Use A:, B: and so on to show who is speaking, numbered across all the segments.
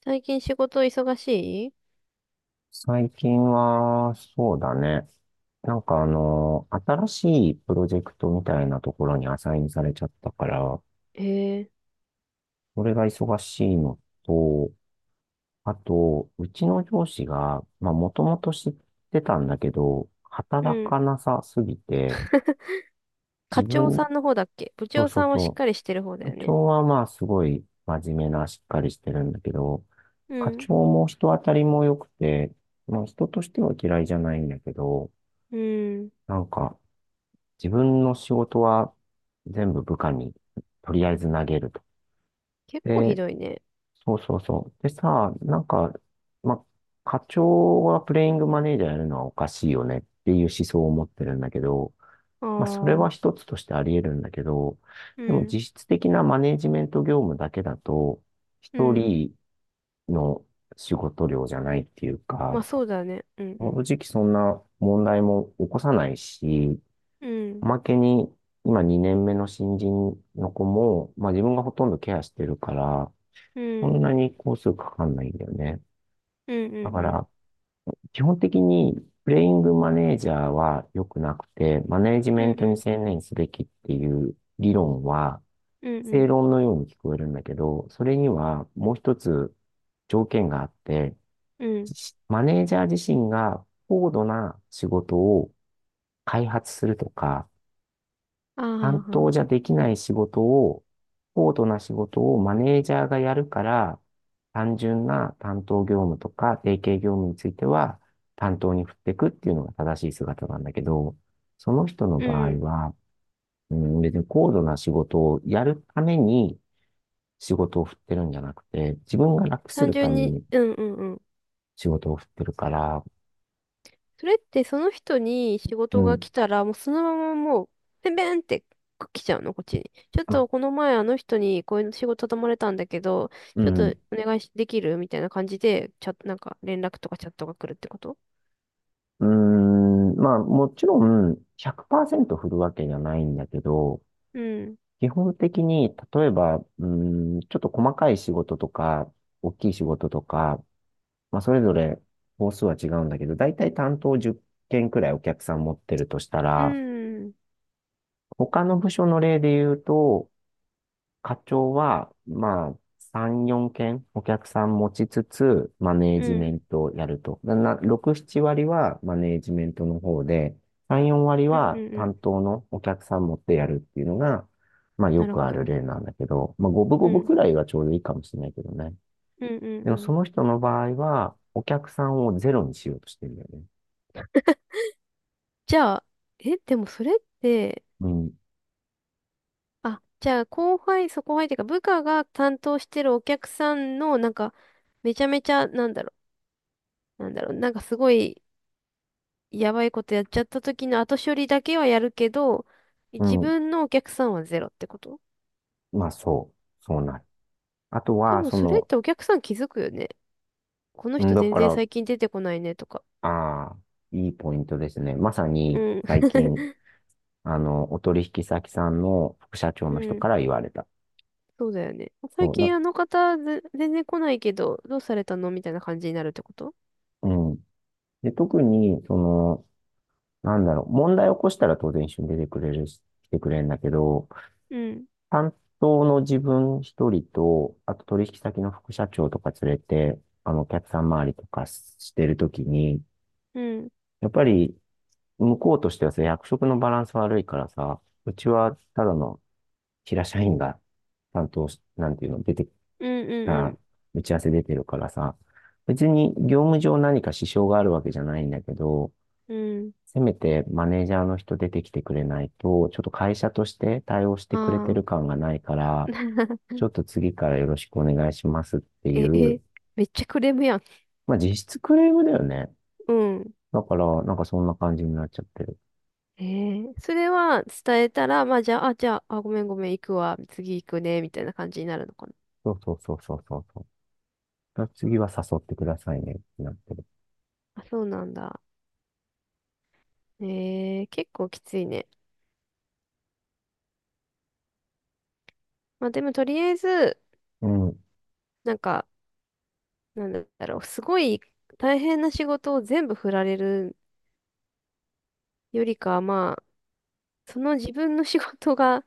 A: 最近仕事忙しい？
B: 最近は、そうだね。新しいプロジェクトみたいなところにアサインされちゃったから、
A: へえ。
B: それが忙しいのと、あと、うちの上司が、まあ、もともと知ってたんだけど、
A: う
B: 働
A: ん。
B: かなさすぎて、
A: 課
B: 自
A: 長
B: 分、
A: さんの方だっけ？部
B: そ
A: 長
B: うそ
A: さ
B: う
A: んはしっ
B: そ
A: かりしてる方
B: う、
A: だ
B: 部
A: よね。
B: 長はまあ、すごい真面目な、しっかりしてるんだけど、
A: う
B: 課
A: ん。
B: 長も人当たりも良くて、まあ、人としては嫌いじゃないんだけど、
A: うん。
B: なんか、自分の仕事は全部部下にとりあえず投げると。
A: 結構ひ
B: で、
A: どいね。
B: そうそうそう。でさ、なんか、ま、課長がプレイングマネージャーやるのはおかしいよねっていう思想を持ってるんだけど、
A: あ
B: まあ、それは
A: あ。
B: 一つとしてあり得るんだけど、
A: う
B: でも
A: ん。
B: 実質的なマネージメント業務だけだと、
A: う
B: 一
A: ん。
B: 人の仕事量じゃないっていうか、
A: まあそうだね。うんう
B: 正
A: ん。
B: 直そんな問題も起こさないし、
A: う
B: お
A: ん。
B: まけに、今2年目の新人の子も、まあ自分がほとんどケアしてるから、
A: う
B: そ
A: ん。
B: んなに工数かかんないんだよね。
A: うんう
B: だ
A: ん
B: か
A: うん。
B: ら、基本的に、プレイングマネージャーは良くなくて、マネージ
A: う
B: メン
A: ん
B: ト
A: う
B: に
A: ん。
B: 専念すべきっていう理論は、
A: うんう
B: 正
A: ん。
B: 論のように聞こえるんだけど、それにはもう一つ条件があって、
A: うん。
B: マネージャー自身が高度な仕事を開発するとか、
A: あ
B: 担当
A: あ。
B: じゃできない仕事を、高度な仕事をマネージャーがやるから、単純な担当業務とか定型業務については担当に振っていくっていうのが正しい姿なんだけど、その人の
A: うん
B: 場合
A: うん。
B: は、うん、別に高度な仕事をやるために仕事を振ってるんじゃなくて、自分が楽す
A: 単
B: るた
A: 純
B: め
A: に、
B: に
A: うんうんうん。
B: 仕事を振ってるから、
A: それってその人に仕
B: う
A: 事が
B: ん、
A: 来たら、もうそのままもう、ペンペンって来ちゃうの、こっちに。ちょっ
B: あ、
A: とこの前あの人にこういう仕事頼まれたんだけど、
B: う
A: ちょっと
B: ん、
A: お願いしできるみたいな感じで、チャット、なんか連絡とかチャットが来るってこと？
B: うん、まあもちろん100%振るわけじゃないんだけど、
A: うん。
B: 基本的に、例えば、ちょっと細かい仕事とか、大きい仕事とか、まあ、それぞれ、本数は違うんだけど、だいたい担当10件くらいお客さん持ってるとした
A: う
B: ら、
A: ん。
B: 他の部署の例で言うと、課長は、まあ、3、4件お客さん持ちつつ、マネー
A: う
B: ジメ
A: ん。
B: ントをやると。な、な6、7割はマネージメントの方で、3、4割
A: うんう
B: は
A: んう
B: 担
A: ん。
B: 当のお客さん持ってやるっていうのが、まあ、よ
A: なる
B: く
A: ほ
B: ある
A: ど。
B: 例なんだけど、まあ、五分
A: う
B: 五分
A: ん。
B: くらいがちょうどいいかもしれないけどね。
A: うんうん
B: で
A: う
B: も、
A: ん。
B: その人の場合は、お客さんをゼロにしようとしてるんだよね。
A: じゃあ、え、でもそれって、
B: うん、
A: あ、じゃあ後輩、そう後輩っていうか部下が担当してるお客さんの、なんか、めちゃめちゃ、なんだろう、なんかすごいやばいことやっちゃった時の後処理だけはやるけど、
B: う
A: 自
B: ん、
A: 分のお客さんはゼロってこと？
B: まあ、そう、そうなる。あと
A: で
B: は、
A: も
B: そ
A: それっ
B: の、
A: てお客さん気づくよね。この
B: うん
A: 人
B: だ
A: 全
B: か
A: 然
B: ら、
A: 最近出てこないねとか。
B: ああ、いいポイントですね。まさ
A: う
B: に
A: ん。
B: 最近、あの、お取引先さんの副社長
A: う
B: の人
A: ん。
B: から言われた。
A: そうだよね。最
B: そう、な、
A: 近あの方全然来ないけど、どうされたのみたいな感じになるってこと？
B: うん。で、特に、その、なんだろう、問題を起こしたら当然一緒に出てくれるし、来てくれるんだけど、
A: うん。
B: 担当の自分一人と、あと取引先の副社長とか連れて、あの、お客さん周りとかしてるときに、
A: うん。
B: やっぱり、向こうとしてはさ、役職のバランス悪いからさ、うちはただの平社員が担当し、なんていうの、出てき
A: うんう
B: た、
A: ん
B: 打ち合わせ出てるからさ、別に業務上何か支障があるわけじゃないんだけど、
A: うん。
B: せめてマネージャーの人出てきてくれないと、ちょっと会社として対応して
A: う
B: くれて
A: ん。あ
B: る
A: あ。
B: 感がないから、ちょっと次からよろしくお願いしますってい
A: え、
B: う、
A: めっちゃクレームやん。
B: まあ実質クレームだよね。
A: うん。
B: だから、なんかそんな感じになっちゃってる。
A: それは伝えたら、まあじゃあ、ごめんごめん、行くわ、次行くね、みたいな感じになるのかな。
B: そうそうそうそうそうそう。次は誘ってくださいねってなってる。
A: あ、そうなんだ。結構きついね。まあでもとりあえず、
B: うん。
A: なんか、なんだろう、すごい大変な仕事を全部振られるよりかは、まあ、その自分の仕事が、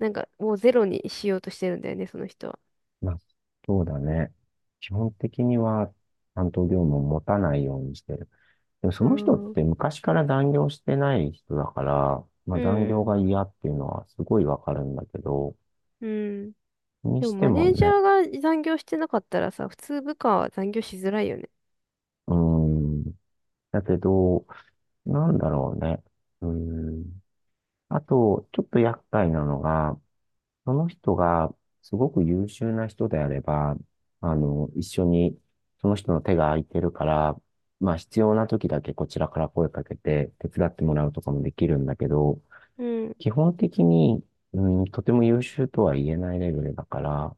A: なんかもうゼロにしようとしてるんだよね、その人は。
B: まあ、そうだね。基本的には担当業務を持たないようにしてる。でもそ
A: うー
B: の人っ
A: ん、
B: て昔から残業してない人だから、まあ
A: う
B: 残業
A: ん、
B: が嫌っていうのはすごいわかるんだけど、
A: うん。
B: に
A: でも
B: して
A: マ
B: も
A: ネージャ
B: ね、
A: ーが残業してなかったらさ、普通部下は残業しづらいよね。
B: うーん。だけど、なんだろうね。うーん。あと、ちょっと厄介なのが、その人がすごく優秀な人であれば、あの、一緒に、その人の手が空いてるから、まあ必要な時だけこちらから声かけて手伝ってもらうとかもできるんだけど、
A: うん。う
B: 基本的に、うん、とても優秀とは言えないレベルだから、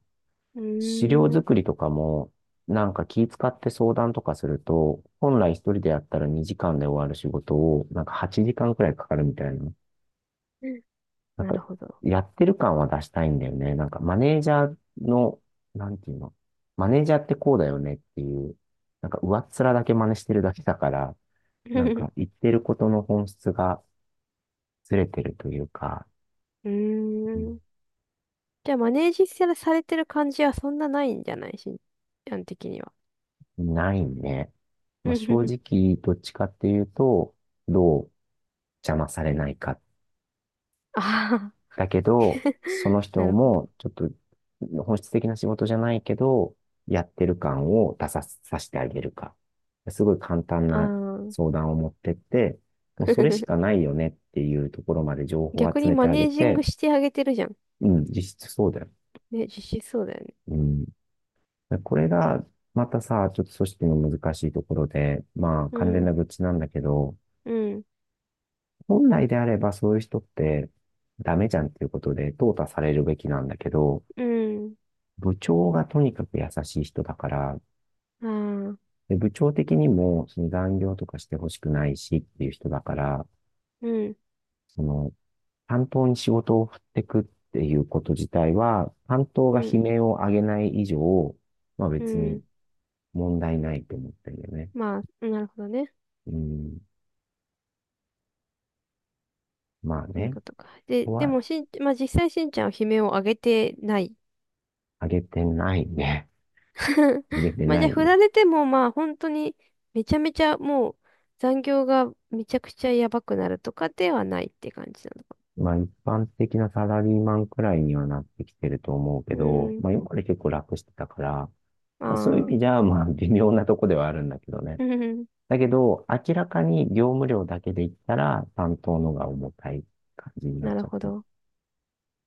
A: ー
B: 資料
A: ん。
B: 作りとかも、なんか気使って相談とかすると、本来一人でやったら2時間で終わる仕事を、なんか8時間くらいかかるみたいな。なん
A: な
B: か、
A: るほど。
B: やってる感は出したいんだよね。なんか、マネージャーの、なんていうの、マネージャーってこうだよねっていう、なんか、上っ面だけ真似してるだけだから、なんか、言ってることの本質がずれてるというか、
A: うー
B: うん
A: ん。じゃあ、マネージされてる感じはそんなないんじゃない、しんちゃん的には？
B: ないね。まあ、正 直、どっちかっていうと、どう邪魔されないか
A: ああ。
B: だけど、その 人
A: なるほど。
B: も、ちょっと、本質的な仕事じゃないけど、やってる感を出さ、させてあげるか。すごい簡単
A: あ
B: な相
A: あ。
B: 談を持ってって、もうそれしか ないよねっていうところまで情報を
A: 逆
B: 集
A: に
B: めて
A: マ
B: あ
A: ネ
B: げ
A: ージン
B: て、
A: グしてあげてるじゃん。
B: うん、実質そうだよ。
A: ね、実施そうだよね。
B: うん。これが、またさ、ちょっと組織の難しいところで、まあ、
A: う
B: 完全
A: ん、
B: な愚痴なんだけど、
A: うん、
B: 本来であればそういう人ってダメじゃんっていうことで淘汰されるべきなんだけど、
A: うん。
B: 部長がとにかく優しい人だから、
A: ああ、
B: で部長的にもその残業とかしてほしくないしっていう人だから、
A: うん、
B: その担当に仕事を振ってくっていうこと自体は、担当が
A: う
B: 悲
A: ん、
B: 鳴を上げない以上、まあ
A: う
B: 別に
A: ん。
B: 問題ないと思ってるよね。
A: まあ、なるほどね。
B: うん。まあ
A: という
B: ね。
A: ことか。
B: こ
A: で、
B: こ
A: で
B: は
A: もまあ実際しんちゃんは悲鳴を上げてない？
B: 上げてないね。上げて
A: まあじ
B: な
A: ゃあ、
B: い
A: 振
B: ね。
A: られてもまあ本当にめちゃめちゃもう残業がめちゃくちゃやばくなるとかではないって感じなのか。
B: まあ一般的なサラリーマンくらいにはなってきてると思うけ
A: う
B: ど、
A: ん。
B: まあ今まで結構楽してたから、
A: あ
B: まあ、そういう意味じ
A: あ。
B: ゃ、まあ、微妙なとこではあるんだけどね。
A: うん
B: だけど、明らかに業務量だけで言ったら、担当のが重たい感じに なっ
A: な
B: ち
A: る
B: ゃっ
A: ほ
B: てる。
A: ど。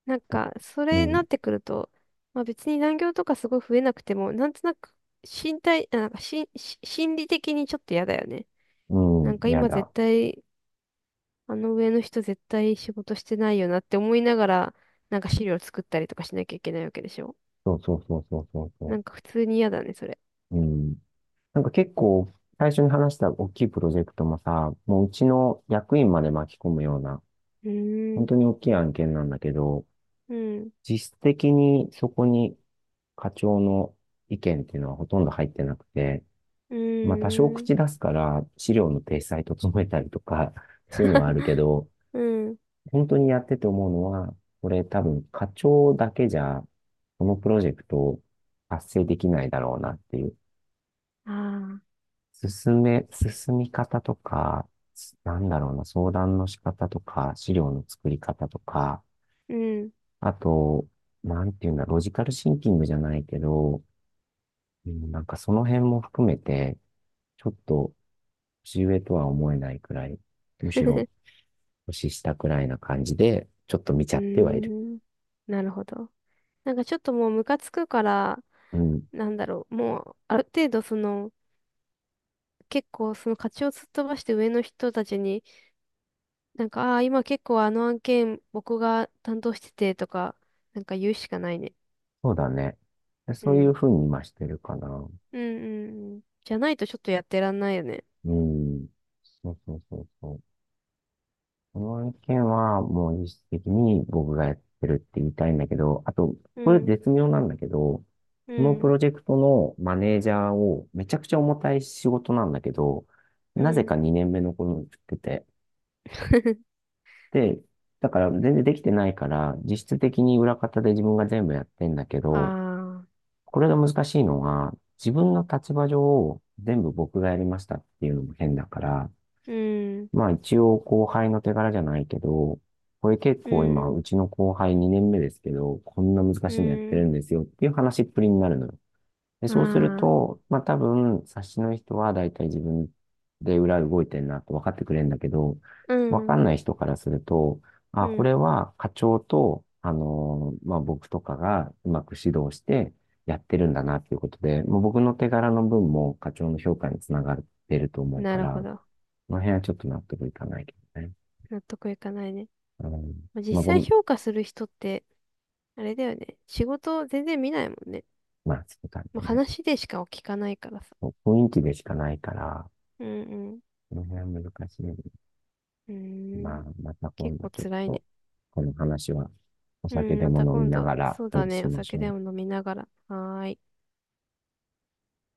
A: なん
B: だ
A: か、そ
B: う
A: れに
B: ん、
A: なってくると、まあ別に残業とかすごい増えなくても、なんとなく身体、あなんかしん、し心理的にちょっと嫌だよね。
B: う
A: なんか
B: ん、や
A: 今絶
B: だ。
A: 対、あの上の人絶対仕事してないよなって思いながら、なんか資料作ったりとかしなきゃいけないわけでしょ。
B: そうそうそうそうそう
A: な
B: そ
A: んか普通に嫌だね、それ。
B: う。うん。なんか結構、最初に話した大きいプロジェクトもさ、もううちの役員まで巻き込むような、
A: うー
B: 本
A: ん、
B: 当に大きい案件なんだけど、
A: うん、
B: 実質的にそこに課長の意見っていうのはほとんど入ってなくて、
A: う
B: まあ、多少
A: ーん、
B: 口出すから、資料の体裁整えたりとか、そういうのはあるけど、
A: うん、
B: 本当にやってて思うのは、これ多分課長だけじゃ、このプロジェクト達成できないだろうなっていう。
A: ああ、
B: 進め、進み方とか、なんだろうな、相談の仕方とか、資料の作り方とか、
A: うん、
B: あと、なんていうんだ、ロジカルシンキングじゃないけど、うんなんかその辺も含めて、ちょっと年上とは思えないくらい、むし
A: う
B: ろ年下くらいな感じで、ちょっと見ち
A: ー
B: ゃってはいる。
A: ん、なるほど。なんかちょっともうムカつくから、
B: うん。
A: なんだろう、もうある程度その、結構その勝ちを突っ飛ばして上の人たちに、なんか、ああ、今結構あの案件僕が担当しててとか、なんか言うしかないね。
B: そうだね。
A: う
B: そういう
A: ん。
B: ふうに今してるかな。
A: うんうんうん。じゃないとちょっとやってらんないよね。
B: うん。そうそうそうそう。この案件はもう実質的に僕がやってるって言いたいんだけど、あと、
A: う
B: これ
A: ん、
B: 絶妙なんだけど、
A: う
B: このプ
A: ん、
B: ロジェクトのマネージャーをめちゃくちゃ重たい仕事なんだけど、
A: う
B: なぜ
A: ん。
B: か2年目の子に振ってて、で、だから全然できてないから、実質的に裏方で自分が全部やってんだけど、
A: ああ、
B: これが難しいのが、自分の立場上、全部僕がやりましたっていうのも変だから、
A: うん、
B: まあ一応後輩の手柄じゃないけど、これ結
A: う
B: 構
A: ん、
B: 今、
A: う
B: う
A: ん
B: ちの後輩2年目ですけど、こんな難
A: う
B: しいのやってる
A: ん。
B: んですよっていう話っぷりになるのよ。で、そうする
A: ああ、
B: と、まあ多分、冊子の人は大体自分で裏動いてんなって分かってくれるんだけど、
A: う
B: 分か
A: ん。
B: んない人からすると、
A: う
B: あ、こ
A: ん。
B: れは課長と、まあ僕とかがうまく指導してやってるんだなっていうことで、もう僕の手柄の分も課長の評価につながってると思う
A: な
B: か
A: るほ
B: ら、
A: ど。
B: この辺はちょっと納得いかないけどね。
A: 納得いかないね。
B: うん。
A: まあ、実
B: まあご
A: 際
B: めん、
A: 評価する人って、あれだよね。仕事全然見ないもんね。
B: まあそうだ
A: まあ、
B: ね。
A: 話でしか聞かないからさ。
B: 雰囲気でしかないから、
A: うん
B: この辺は難しいよね。
A: うん。うー
B: まあ、
A: ん。
B: また今
A: 結
B: 度
A: 構
B: ちょっ
A: 辛い
B: と、
A: ね。
B: この話はお
A: う
B: 酒
A: ん。
B: で
A: ま
B: も
A: た
B: 飲み
A: 今
B: な
A: 度、
B: がら
A: そうだ
B: 話
A: ね。
B: し
A: お
B: まし
A: 酒
B: ょう
A: で
B: ね。
A: も飲みながら。はーい。